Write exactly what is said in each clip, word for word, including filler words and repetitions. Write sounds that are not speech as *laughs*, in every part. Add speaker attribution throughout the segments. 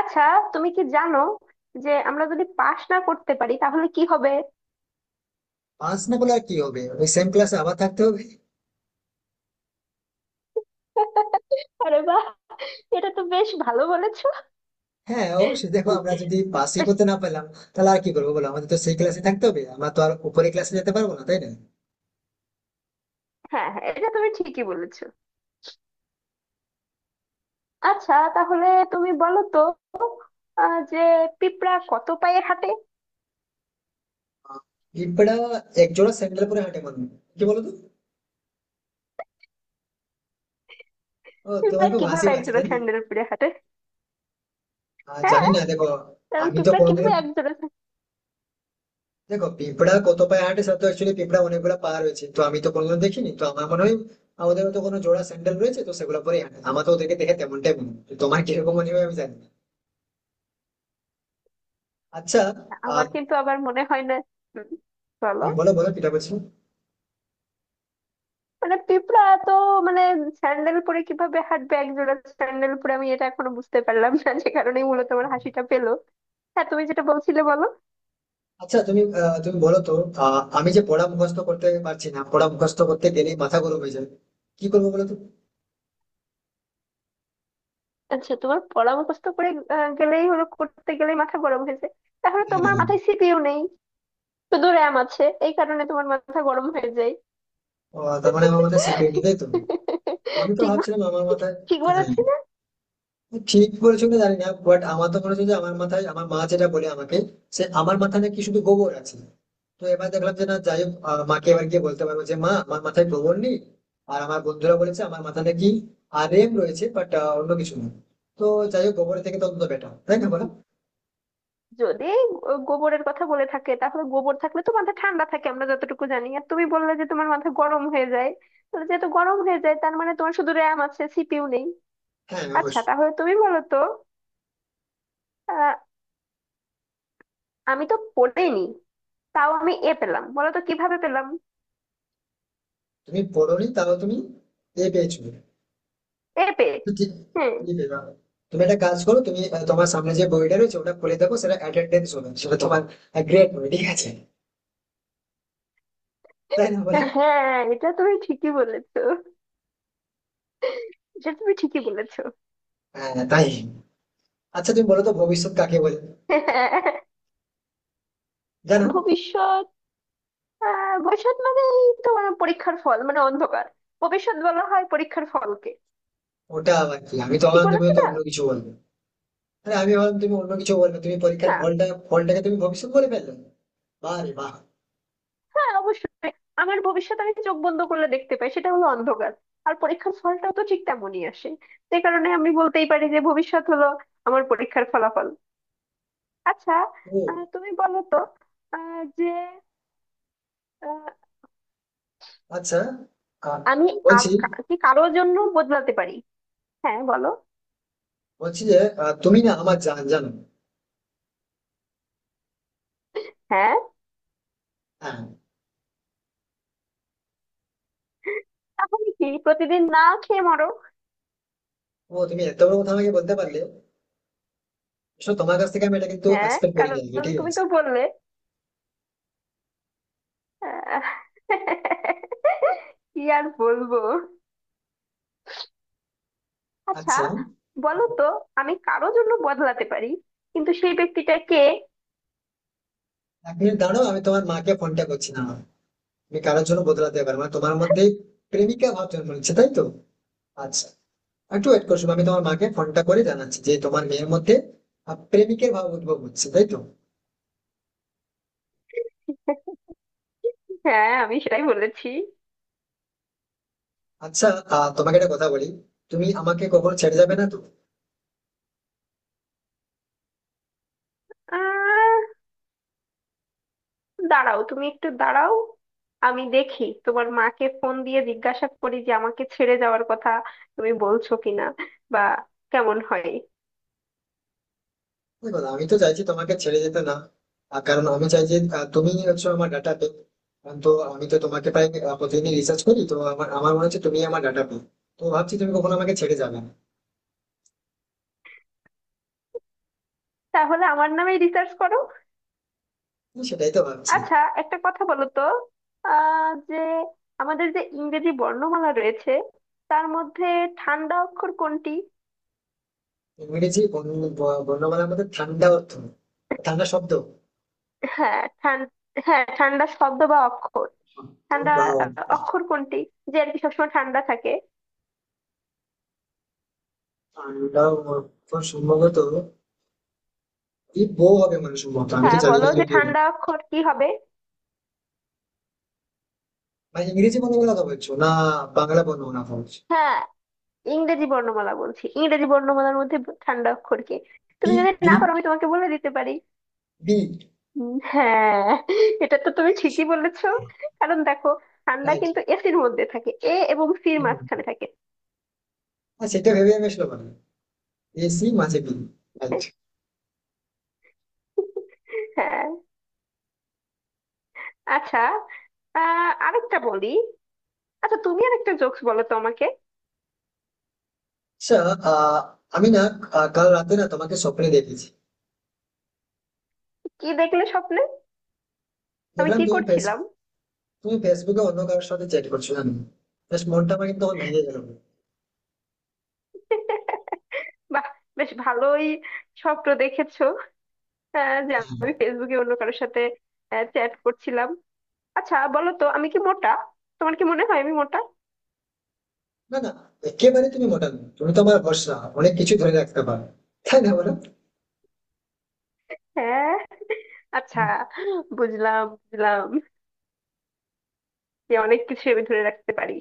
Speaker 1: আচ্ছা, তুমি কি জানো যে আমরা যদি পাশ না করতে পারি তাহলে কি হবে?
Speaker 2: পাস না করলে আর কি হবে? ওই সেম ক্লাসে আবার থাকতে হবে।
Speaker 1: আরে বাহ, এটা তো বেশ ভালো বলেছো।
Speaker 2: হ্যাঁ, অবশ্যই। দেখো, আমরা যদি পাসই
Speaker 1: বেশ।
Speaker 2: করতে না পেলাম, তাহলে আর কি করবো বলো? আমাদের তো সেই ক্লাসে থাকতে হবে, আমরা তো আর উপরে ক্লাসে যেতে পারবো না, তাই না?
Speaker 1: হ্যাঁ, হ্যাঁ, এটা তুমি ঠিকই বলেছো। আচ্ছা, তাহলে তুমি বলো তো, আহ, যে পিঁপড়া কত পায়ে হাঁটে?
Speaker 2: আহ, পিঁপড়া এক জোড়া স্যান্ডেল পরে হাঁটে মনে হয়। কি বলো তো? ও, তোমার
Speaker 1: পিঁপড়া
Speaker 2: খুব হাসি
Speaker 1: কিভাবে
Speaker 2: পাচ্ছে,
Speaker 1: একজোড়া
Speaker 2: তাই না?
Speaker 1: স্যান্ডেল পরে হাঁটে?
Speaker 2: আহ, জানি
Speaker 1: হ্যাঁ,
Speaker 2: না, দেখো।
Speaker 1: কারণ
Speaker 2: আমি তো
Speaker 1: পিঁপড়া
Speaker 2: কোনোদিনও,
Speaker 1: কিভাবে একজোড়া।
Speaker 2: দেখো পিঁপড়া কত পায়ে হাঁটে, সে তো অ্যাকচুয়ালি পিঁপড়া অনেকগুলো পা রয়েছে, তো আমি তো কোনোদিন দেখিনি, তো আমার মনে হয় আমাদের তো কোনো জোড়া স্যান্ডেল রয়েছে, তো সেগুলো পরে হাঁটে। আমার তো ওদেরকে দেখে তেমনটাই মনে হয়। তো তোমার কিরকম মনে হয় আমি জানি না। আচ্ছা।
Speaker 1: আমার
Speaker 2: আহ
Speaker 1: কিন্তু আবার মনে হয় না। হুম, বলো।
Speaker 2: তুমি বলো, বলো কিটা বলছো?
Speaker 1: মানে পিঁপড়া তো মানে স্যান্ডেল পরে কিভাবে হাঁটবে একজোড়া স্যান্ডেল পরে, আমি এটা এখনো বুঝতে পারলাম না, যে কারণেই মূলত আমার হাসিটা পেলো। হ্যাঁ, তুমি যেটা বলছিলে বলো।
Speaker 2: আচ্ছা, তুমি আহ, তুমি বলো তো। আহ, আমি যে পড়া মুখস্থ করতে পারছি না, পড়া মুখস্থ করতে গেলে মাথা গরম হয়ে যায়। কি করবো বলো তো?
Speaker 1: আচ্ছা, তোমার পড়া মুখস্থ করে আহ, গেলেই হলো, করতে গেলেই মাথা গরম হয়ে যায়? তাহলে তোমার
Speaker 2: হ্যাঁ।
Speaker 1: মাথায় সিপিইউ নেই, শুধু র্যাম আছে, এই কারণে তোমার মাথা গরম হয়ে যায়।
Speaker 2: ও, তার মানে আমার মাথায় শিখে নিবে তো। আমি
Speaker 1: *laughs*
Speaker 2: তো
Speaker 1: ঠিক,
Speaker 2: ভাবছিলাম আমার মাথায়।
Speaker 1: ঠিক
Speaker 2: হ্যাঁ।
Speaker 1: বলেছি।
Speaker 2: ঠিক বলেছো কিনা জানি না, বাট আমার তো মনে হচ্ছে যে আমার মাথায়, আমার মা যেটা বলে আমাকে, সে আমার মাথায় নাকি শুধু গোবর আছে। তো এবার দেখলাম যে না, যাই হোক, আহ, মাকে এবার গিয়ে বলতে পারবো যে মা আমার মাথায় গোবর নেই। আর আমার বন্ধুরা বলেছে আমার মাথায় নাকি আর রেম রয়েছে, বাট অন্য কিছু না। তো যাই হোক, গোবর থেকে তো অন্তত বেটার, তাই না বলো?
Speaker 1: যদি গো- গোবরের কথা বলে থাকে তাহলে গোবর থাকলে তো মাথা ঠান্ডা থাকে আমরা যতটুকু জানি, আর তুমি বললে যে তোমার মাথা গরম হয়ে যায়, তাহলে যেহেতু গরম হয়ে যায় তার মানে তোমার শুধু র্যাম আছে, সিপিইউ নেই।
Speaker 2: হ্যাঁ,
Speaker 1: আচ্ছা,
Speaker 2: অবশ্যই।
Speaker 1: তাহলে তুমি বলো তো, আহ, আমি তো পড়েইনি, তাও আমি এ পেলাম, বলো তো কিভাবে পেলাম?
Speaker 2: তুমি পড়োনি, তাও তুমি এ পেয়েছো?
Speaker 1: এ পেয়ে।
Speaker 2: তো ঠিক।
Speaker 1: হ্যাঁ।
Speaker 2: ঠিক আছে, দাঁড়াও। তুমি একটা কাজ করো, তুমি আহ, তোমার সামনে যে বইটা রয়েছে ওটা খুলে দেখো, সেটা অ্যাটেন্ডেন্স হবে, সেটা তোমার গ্রেড হবে, ঠিক আছে? তাই না বলো?
Speaker 1: হ্যাঁ, এটা তুমি ঠিকই বলেছো। এটা তুমি ঠিকই বলেছো।
Speaker 2: হ্যাঁ, তাই। আচ্ছা, তুমি বলো তো ভবিষ্যৎ কাকে বলে, জানো?
Speaker 1: ভবিষ্যৎ? আহ, ভবিষ্যৎ মানে তোমার পরীক্ষার ফল মানে অন্ধকার। ভবিষ্যৎ বলা হয় পরীক্ষার ফলকে।
Speaker 2: ওটা আবার কি? আমি তো
Speaker 1: ঠিক
Speaker 2: ভাবলাম তুমি
Speaker 1: বলেছি
Speaker 2: তো
Speaker 1: না?
Speaker 2: অন্য কিছু বলবে। আরে আমি ভাবলাম তুমি অন্য কিছু বলবে, তুমি পরীক্ষার
Speaker 1: না।
Speaker 2: ফলটা, ফলটাকে তুমি ভবিষ্যৎ বলে ফেললে? বাহ রে বাহ।
Speaker 1: হ্যাঁ, অবশ্যই। আমার ভবিষ্যৎ আমি চোখ বন্ধ করলে দেখতে পাই, সেটা হলো অন্ধকার। আর পরীক্ষার ফলটাও তো ঠিক তেমনই আসে। সে কারণে আমি বলতেই পারি যে ভবিষ্যৎ হলো আমার পরীক্ষার ফলাফল। আচ্ছা,
Speaker 2: ও,
Speaker 1: আহ, তুমি বলো তো, আহ, যে আহ,
Speaker 2: আচ্ছা। আহ,
Speaker 1: আমি আর
Speaker 2: বলছি
Speaker 1: কা- কি কারোর জন্য বদলাতে পারি? হ্যাঁ, বলো।
Speaker 2: বলছি যে আহ, তুমি না আমার জান, জানো?
Speaker 1: হ্যাঁ।
Speaker 2: হ্যাঁ।
Speaker 1: তাহলে কি প্রতিদিন না খেয়ে মরো?
Speaker 2: ও, তুমি এত বড় কথা আমাকে বলতে পারলে? আসলে তোমার কাছ থেকে আমি এটা কিন্তু
Speaker 1: হ্যাঁ,
Speaker 2: এক্সপেক্ট করিনি আগে,
Speaker 1: কারণ
Speaker 2: ঠিক
Speaker 1: তুমি
Speaker 2: আছে।
Speaker 1: তো বললে আহ, *laughs* কি আর বলবো। আচ্ছা,
Speaker 2: আচ্ছা। উম,
Speaker 1: বলো তো আমি কারো জন্য বদলাতে পারি কিন্তু সেই ব্যক্তিটা কে?
Speaker 2: এক মিনিট দাঁড়াও, আমি তোমার মাকে ফোনটা করছি না? তুমি কারোর জন্য বদলাতে পারবে না, তোমার মধ্যে প্রেমিকা ভাব জন্ম নিচ্ছে তাই তো? আচ্ছা, একটু ওয়েট করছো, আমি তোমার মাকে ফোনটা করে জানাচ্ছি যে তোমার মেয়ের মধ্যে আহ, প্রেমিকের ভাব উদ্ভব হচ্ছে, তাই তো?
Speaker 1: হ্যাঁ, আমি সেটাই বলেছি।
Speaker 2: আচ্ছা। আহ, তোমাকে একটা কথা বলি, তুমি আমাকে কখনো ছেড়ে যাবে না তো?
Speaker 1: আহ দাঁড়াও, তুমি একটু দাঁড়াও, আমি দেখি তোমার মাকে ফোন দিয়ে জিজ্ঞাসা করি যে আমাকে ছেড়ে যাওয়ার কথা তুমি বলছো কিনা, বা কেমন হয়।
Speaker 2: দেখো, আমি তো চাইছি তোমাকে ছেড়ে যেতে না। আহ, কারণ আমি চাই যে আহ, তুমিই হচ্ছে আমার ডাটা পে। তো আমি তো তোমাকে প্রায় আহ, প্রতিদিনই রিসার্চ করি, তো আমার আমার মনে হচ্ছে তুমি আমার ডাটা পে। তো ভাবছি তুমি কখনো আমাকে ছেড়ে যাবে না।
Speaker 1: তাহলে আমার নামে রিসার্চ করো।
Speaker 2: তো সেটাই তো ভাবছি।
Speaker 1: আচ্ছা, একটা কথা বলো তো, আহ যে আমাদের যে ইংরেজি বর্ণমালা রয়েছে তার মধ্যে ঠান্ডা অক্ষর কোনটি?
Speaker 2: ইংরেজি বর্ণ- ব- বর্ণমালার মধ্যে ঠান্ডা অর্থ, ঠান্ডা শব্দ।
Speaker 1: হ্যাঁ, ঠান্ডা। হ্যাঁ, ঠান্ডা শব্দ বা অক্ষর।
Speaker 2: তো
Speaker 1: ঠান্ডা
Speaker 2: বা-
Speaker 1: আহ, অক্ষর কোনটি যে আর কি সবসময় ঠান্ডা থাকে?
Speaker 2: ঠান্ডা অর্থ সম্ভবত কি বউ হবে মানুষের মতো, আমি তো
Speaker 1: হ্যাঁ,
Speaker 2: জানি না
Speaker 1: বলো যে
Speaker 2: যদিও।
Speaker 1: ঠান্ডা অক্ষর কি হবে?
Speaker 2: মানে ইংরেজি বর্ণ গুলো কথা বলছো না বাংলা বর্ণ না বলছো?
Speaker 1: হ্যাঁ, ইংরেজি বর্ণমালা বলছি, ইংরেজি বর্ণমালার মধ্যে ব- ঠান্ডা অক্ষর কি?
Speaker 2: বি।
Speaker 1: তুমি যদি
Speaker 2: বি।
Speaker 1: না পারো আমি তোমাকে বলে দিতে পারি।
Speaker 2: বি।
Speaker 1: উম, হ্যাঁ, এটা তো তুমি ঠিকই বলেছো। কারণ দেখো, ঠান্ডা
Speaker 2: রাইট।
Speaker 1: কিন্তু এসির মধ্যে থাকে, এ এবং সির মাঝখানে থাকে।
Speaker 2: হ্যাঁ, সেটা ভেবে আমি আসলে বললাম। এসি মাঝে বি। রাইট।
Speaker 1: হ্যাঁ। আচ্ছা, আহ আরেকটা বলি। আচ্ছা, তুমি আরেকটা জোকস বলো তো আমাকে।
Speaker 2: আচ্ছা। আহ, আমি না আহ, কাল রাতে না তোমাকে স্বপ্নে দেখেছি।
Speaker 1: কি দেখলে স্বপ্নে? আমি
Speaker 2: দেখলাম
Speaker 1: কি
Speaker 2: তুমি ফেস
Speaker 1: করছিলাম?
Speaker 2: তুমি ফেসবুকে অন্য কারোর সাথে চ্যাট করছো, জানো? জাস্ট মনটা আমার কিন্তু তখন ভেঙে গেল।
Speaker 1: বাহ, বেশ ভালোই স্বপ্ন দেখেছো। আহ, যে
Speaker 2: হ্যাঁ।
Speaker 1: আমি ফেসবুকে অন্য কারোর সাথে চ্যাট করছিলাম। আচ্ছা, বলো তো আমি কি মোটা? তোমার কি মনে হয় আমি মোটা?
Speaker 2: না না, একেবারে তুমি মোটা নও। তুমি তো আমার ভরসা, অনেক কিছু ধরে রাখতে পারো, তাই না বলো?
Speaker 1: হ্যাঁ। আচ্ছা, বুঝলাম, বুঝলাম যে অনেক কিছু আমি ধরে রাখতে পারি।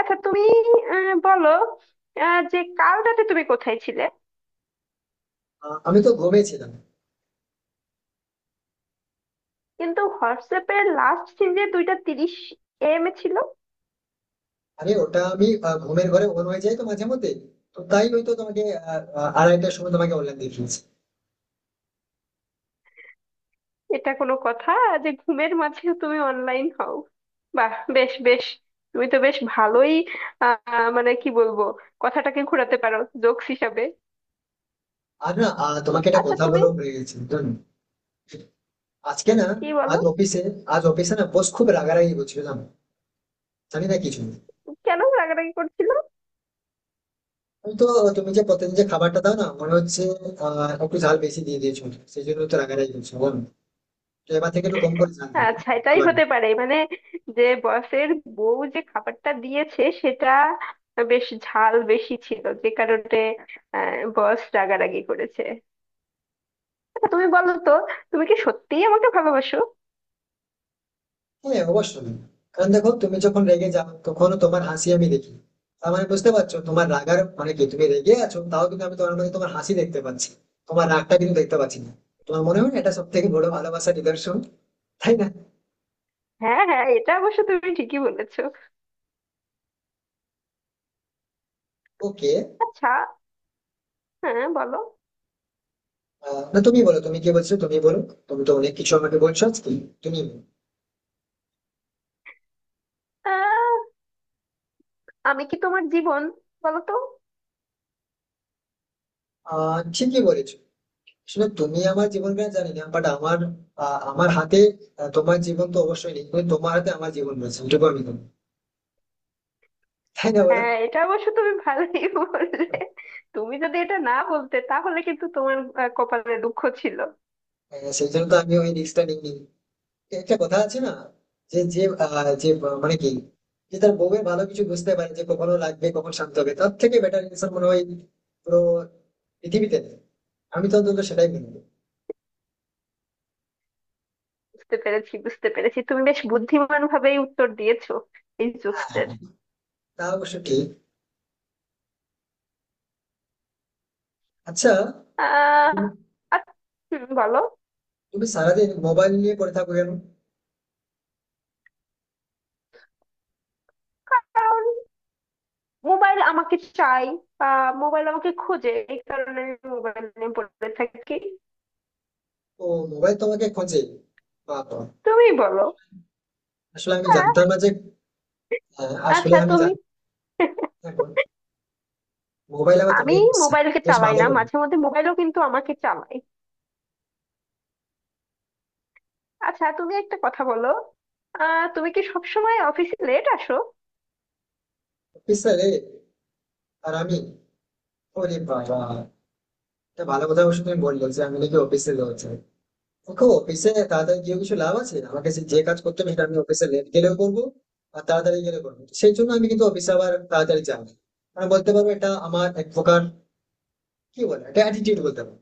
Speaker 1: আচ্ছা, তুমি আহ, বলো, আহ, যে কাল রাতে তুমি কোথায় ছিলে?
Speaker 2: আহ, আমি তো ঘুমিয়েছিলাম।
Speaker 1: কিন্তু হোয়াটসঅ্যাপের লাস্ট সিন যে দুইটা তিরিশ এম এ ছিল?
Speaker 2: আরে ওটা আমি আহ, ঘুমের ঘরে অন হয়ে যাই তো মাঝে মধ্যে, তো তাই হয়তো তোমাকে আহ, আহ, আড়াইটার সময় তোমাকে অনলাইন দিয়ে ফেলেছি।
Speaker 1: এটা কোনো কথা যে ঘুমের মাঝেও তুমি অনলাইন হও? বাহ, বেশ বেশ, তুমি তো বেশ ভালোই আহ মানে কি বলবো, কথাটাকে ঘোরাতে পারো জোকস হিসাবে।
Speaker 2: আর না, আহ, তোমাকে একটা
Speaker 1: আচ্ছা,
Speaker 2: কথা
Speaker 1: তুমি
Speaker 2: বলেও ভুলে গেছি, জানো? আজকে না,
Speaker 1: কি বলো,
Speaker 2: আজ অফিসে, আজ অফিসে না বস খুব রাগারাগি করছিল, জানো? জানি না কিছু।
Speaker 1: কেন রাগারাগি করছিল?
Speaker 2: আমি তো, তুমি যে প্রতিদিন যে খাবারটা দাও না, মনে হচ্ছে আহ একটু ঝাল বেশি দিয়ে দিয়েছো, সেই জন্য তো রাগারাগি করছো বলো। তো এবার থেকে একটু কম করে ঝাল দিবে।
Speaker 1: আচ্ছা, এটাই
Speaker 2: আবার।
Speaker 1: হতে পারে মানে, যে বসের বউ যে খাবারটা দিয়েছে সেটা বেশ ঝাল বেশি ছিল, যে কারণে আহ বস রাগারাগি করেছে। আচ্ছা, তুমি বলো তো, তুমি কি সত্যিই আমাকে ভালোবাসো?
Speaker 2: হ্যাঁ, অবশ্যই। কারণ দেখো, তুমি যখন রেগে যাও তখনও তোমার হাসি আমি দেখি। তার মানে বুঝতে পারছো তোমার রাগার মানে কি? তুমি রেগে আছো, তাও কিন্তু আমি তোমার মধ্যে তোমার হাসি দেখতে পাচ্ছি, তোমার রাগটা কিন্তু দেখতে পাচ্ছি না। তোমার মনে হয় না এটা সব থেকে বড় ভালোবাসার নিদর্শন, তাই না?
Speaker 1: হ্যাঁ, হ্যাঁ, এটা অবশ্য তুমি ঠিকই বলেছো।
Speaker 2: ওকে।
Speaker 1: আচ্ছা। হ্যাঁ, বলো।
Speaker 2: না, তুমি বলো, তুমি কি বলছো তুমি বলো। তুমি তো অনেক কিছু আমাকে বলছো আজকে, তুমি বলো।
Speaker 1: আহ, আমি কি তোমার জীবন, বলো তো?
Speaker 2: আহ ঠিকই বলেছো। আসলে তুমি আমার জীবন কেন জানি না, বাট আমার আহ, আমার হাতে, আহ, তোমার জীবন তো অবশ্যই নেই, কিন্তু তোমার হাতে আমার জীবন রয়েছে, এটুকু আমি জানি। তাই না বলো?
Speaker 1: হ্যাঁ, এটা অবশ্য তুমি ভালোই *laughs* বললে। তুমি যদি এটা না বলতে তাহলে কিন্তু তোমার আহ, কপালে দুঃখ ছিল।
Speaker 2: হ্যাঁ, সেই জন্য তো আমি ওই রিস্কটা নিইনি। একটা কথা আছে না, যে যে আহ, যে আহ, মানে কি যে তার বউয়ের ভালো কিছু বুঝতে পারে যে কখনো লাগবে কখন শান্ত হবে, তার থেকে বেটার ইনসান মনে হয় পুরো পৃথিবীতে নেই। আমি তো অন্তত সেটাই মনে করি।
Speaker 1: বুঝতে পেরেছি, বুঝতে পেরেছি, তুমি বেশ বুদ্ধিমান ভাবেই উত্তর দিয়েছো এই
Speaker 2: হ্যাঁ,
Speaker 1: জোকসটার।
Speaker 2: তা অবশ্য ঠিক। আচ্ছা,
Speaker 1: আহ
Speaker 2: তুমি
Speaker 1: আচ্ছা, হুম, বলো।
Speaker 2: তুমি সারাদিন মোবাইল নিয়ে পড়ে থাকো কেন?
Speaker 1: কারণ মোবাইল আমাকে চাই, বা মোবাইল আমাকে খোঁজে, এই কারণে আমি মোবাইল নিয়ে পড়ে থাকি।
Speaker 2: তো মোবাইল তোমাকে খোঁজে? বাবা।
Speaker 1: তুমি বলো।
Speaker 2: আসলে আমি জানতাম
Speaker 1: আহ,
Speaker 2: না যে আহ, আসলে
Speaker 1: আচ্ছা,
Speaker 2: আমি
Speaker 1: তুমি।
Speaker 2: জানতাম না, এখন মোবাইল আবার
Speaker 1: আমি
Speaker 2: তোমাকে খুঁজছে।
Speaker 1: মোবাইলকে
Speaker 2: বেশ
Speaker 1: চালাই
Speaker 2: ভালো
Speaker 1: না,
Speaker 2: করে।
Speaker 1: মাঝে মধ্যে মোবাইলও কিন্তু আমাকে চালায়। আচ্ছা, তুমি একটা কথা বলো, আহ তুমি কি সবসময় অফিসে লেট আসো?
Speaker 2: অফিসারে, আর আমি, ওরে বাবা, এটা ভালো কথা অবশ্য তুমি বললে যে আমি নাকি অফিসে লেট যাই। দেখো অফিসে তাড়াতাড়ি গিয়ে কিছু লাভ আছে? আমাকে সে- যে কাজ করতে হবে সেটা আমি অফিসে লেট গেলেও করবো, আর তাড়াতাড়ি গেলে করবো, সেই জন্য আমি কিন্তু অফিসে আবার তাড়াতাড়ি যাই না। কারণ বলতে পারবো এটা আমার এক প্রকার, কি বলে এটা, অ্যাটিটিউড বলতে পারবো।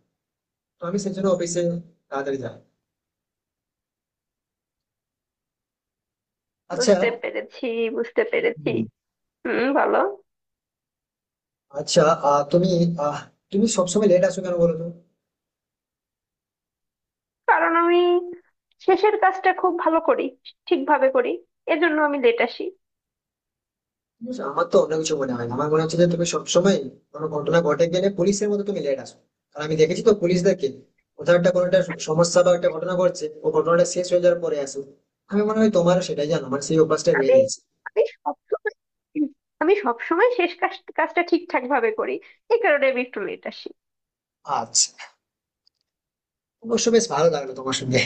Speaker 2: তো আমি সেই জন্য অফিসে তাড়াতাড়ি যাই। আচ্ছা।
Speaker 1: বুঝতে পেরেছি, বুঝতে পেরেছি।
Speaker 2: হুম,
Speaker 1: হুম বলো।
Speaker 2: আচ্ছা আহ, তুমি, আহ তুমি সবসময় লেট আসো কেন বলো তো?
Speaker 1: কারণ আমি শেষের কাজটা খুব ভালো করি, ঠিকভাবে করি, এজন্য আমি লেট আসি।
Speaker 2: বুঝছো, আমার তো অন্য কিছু মনে হয় না। আমার মনে হচ্ছে যে তুমি সবসময় কোনো ঘটনা ঘটে গেলে পুলিশের মতো তুমি লেট আসো। কারণ আমি দেখেছি তো পুলিশদেরকে, কোথাও একটা, কোনো একটা সমস্যা বা একটা ঘটনা ঘটছে, ও ঘটনাটা শেষ হয়ে যাওয়ার পরে আসো। আমি মনে হয় তোমারও সেটাই, জানো, মানে সেই অভ্যাসটা বেড়ে
Speaker 1: আমি
Speaker 2: গিয়েছে।
Speaker 1: আমি সবসময় আমি সবসময় শেষ কাজ- কাজটা ঠিকঠাক ভাবে করি, এই কারণে আমি একটু লেট আসি।
Speaker 2: আচ্ছা, অবশ্য বেশ ভালো লাগলো তোমার সঙ্গে।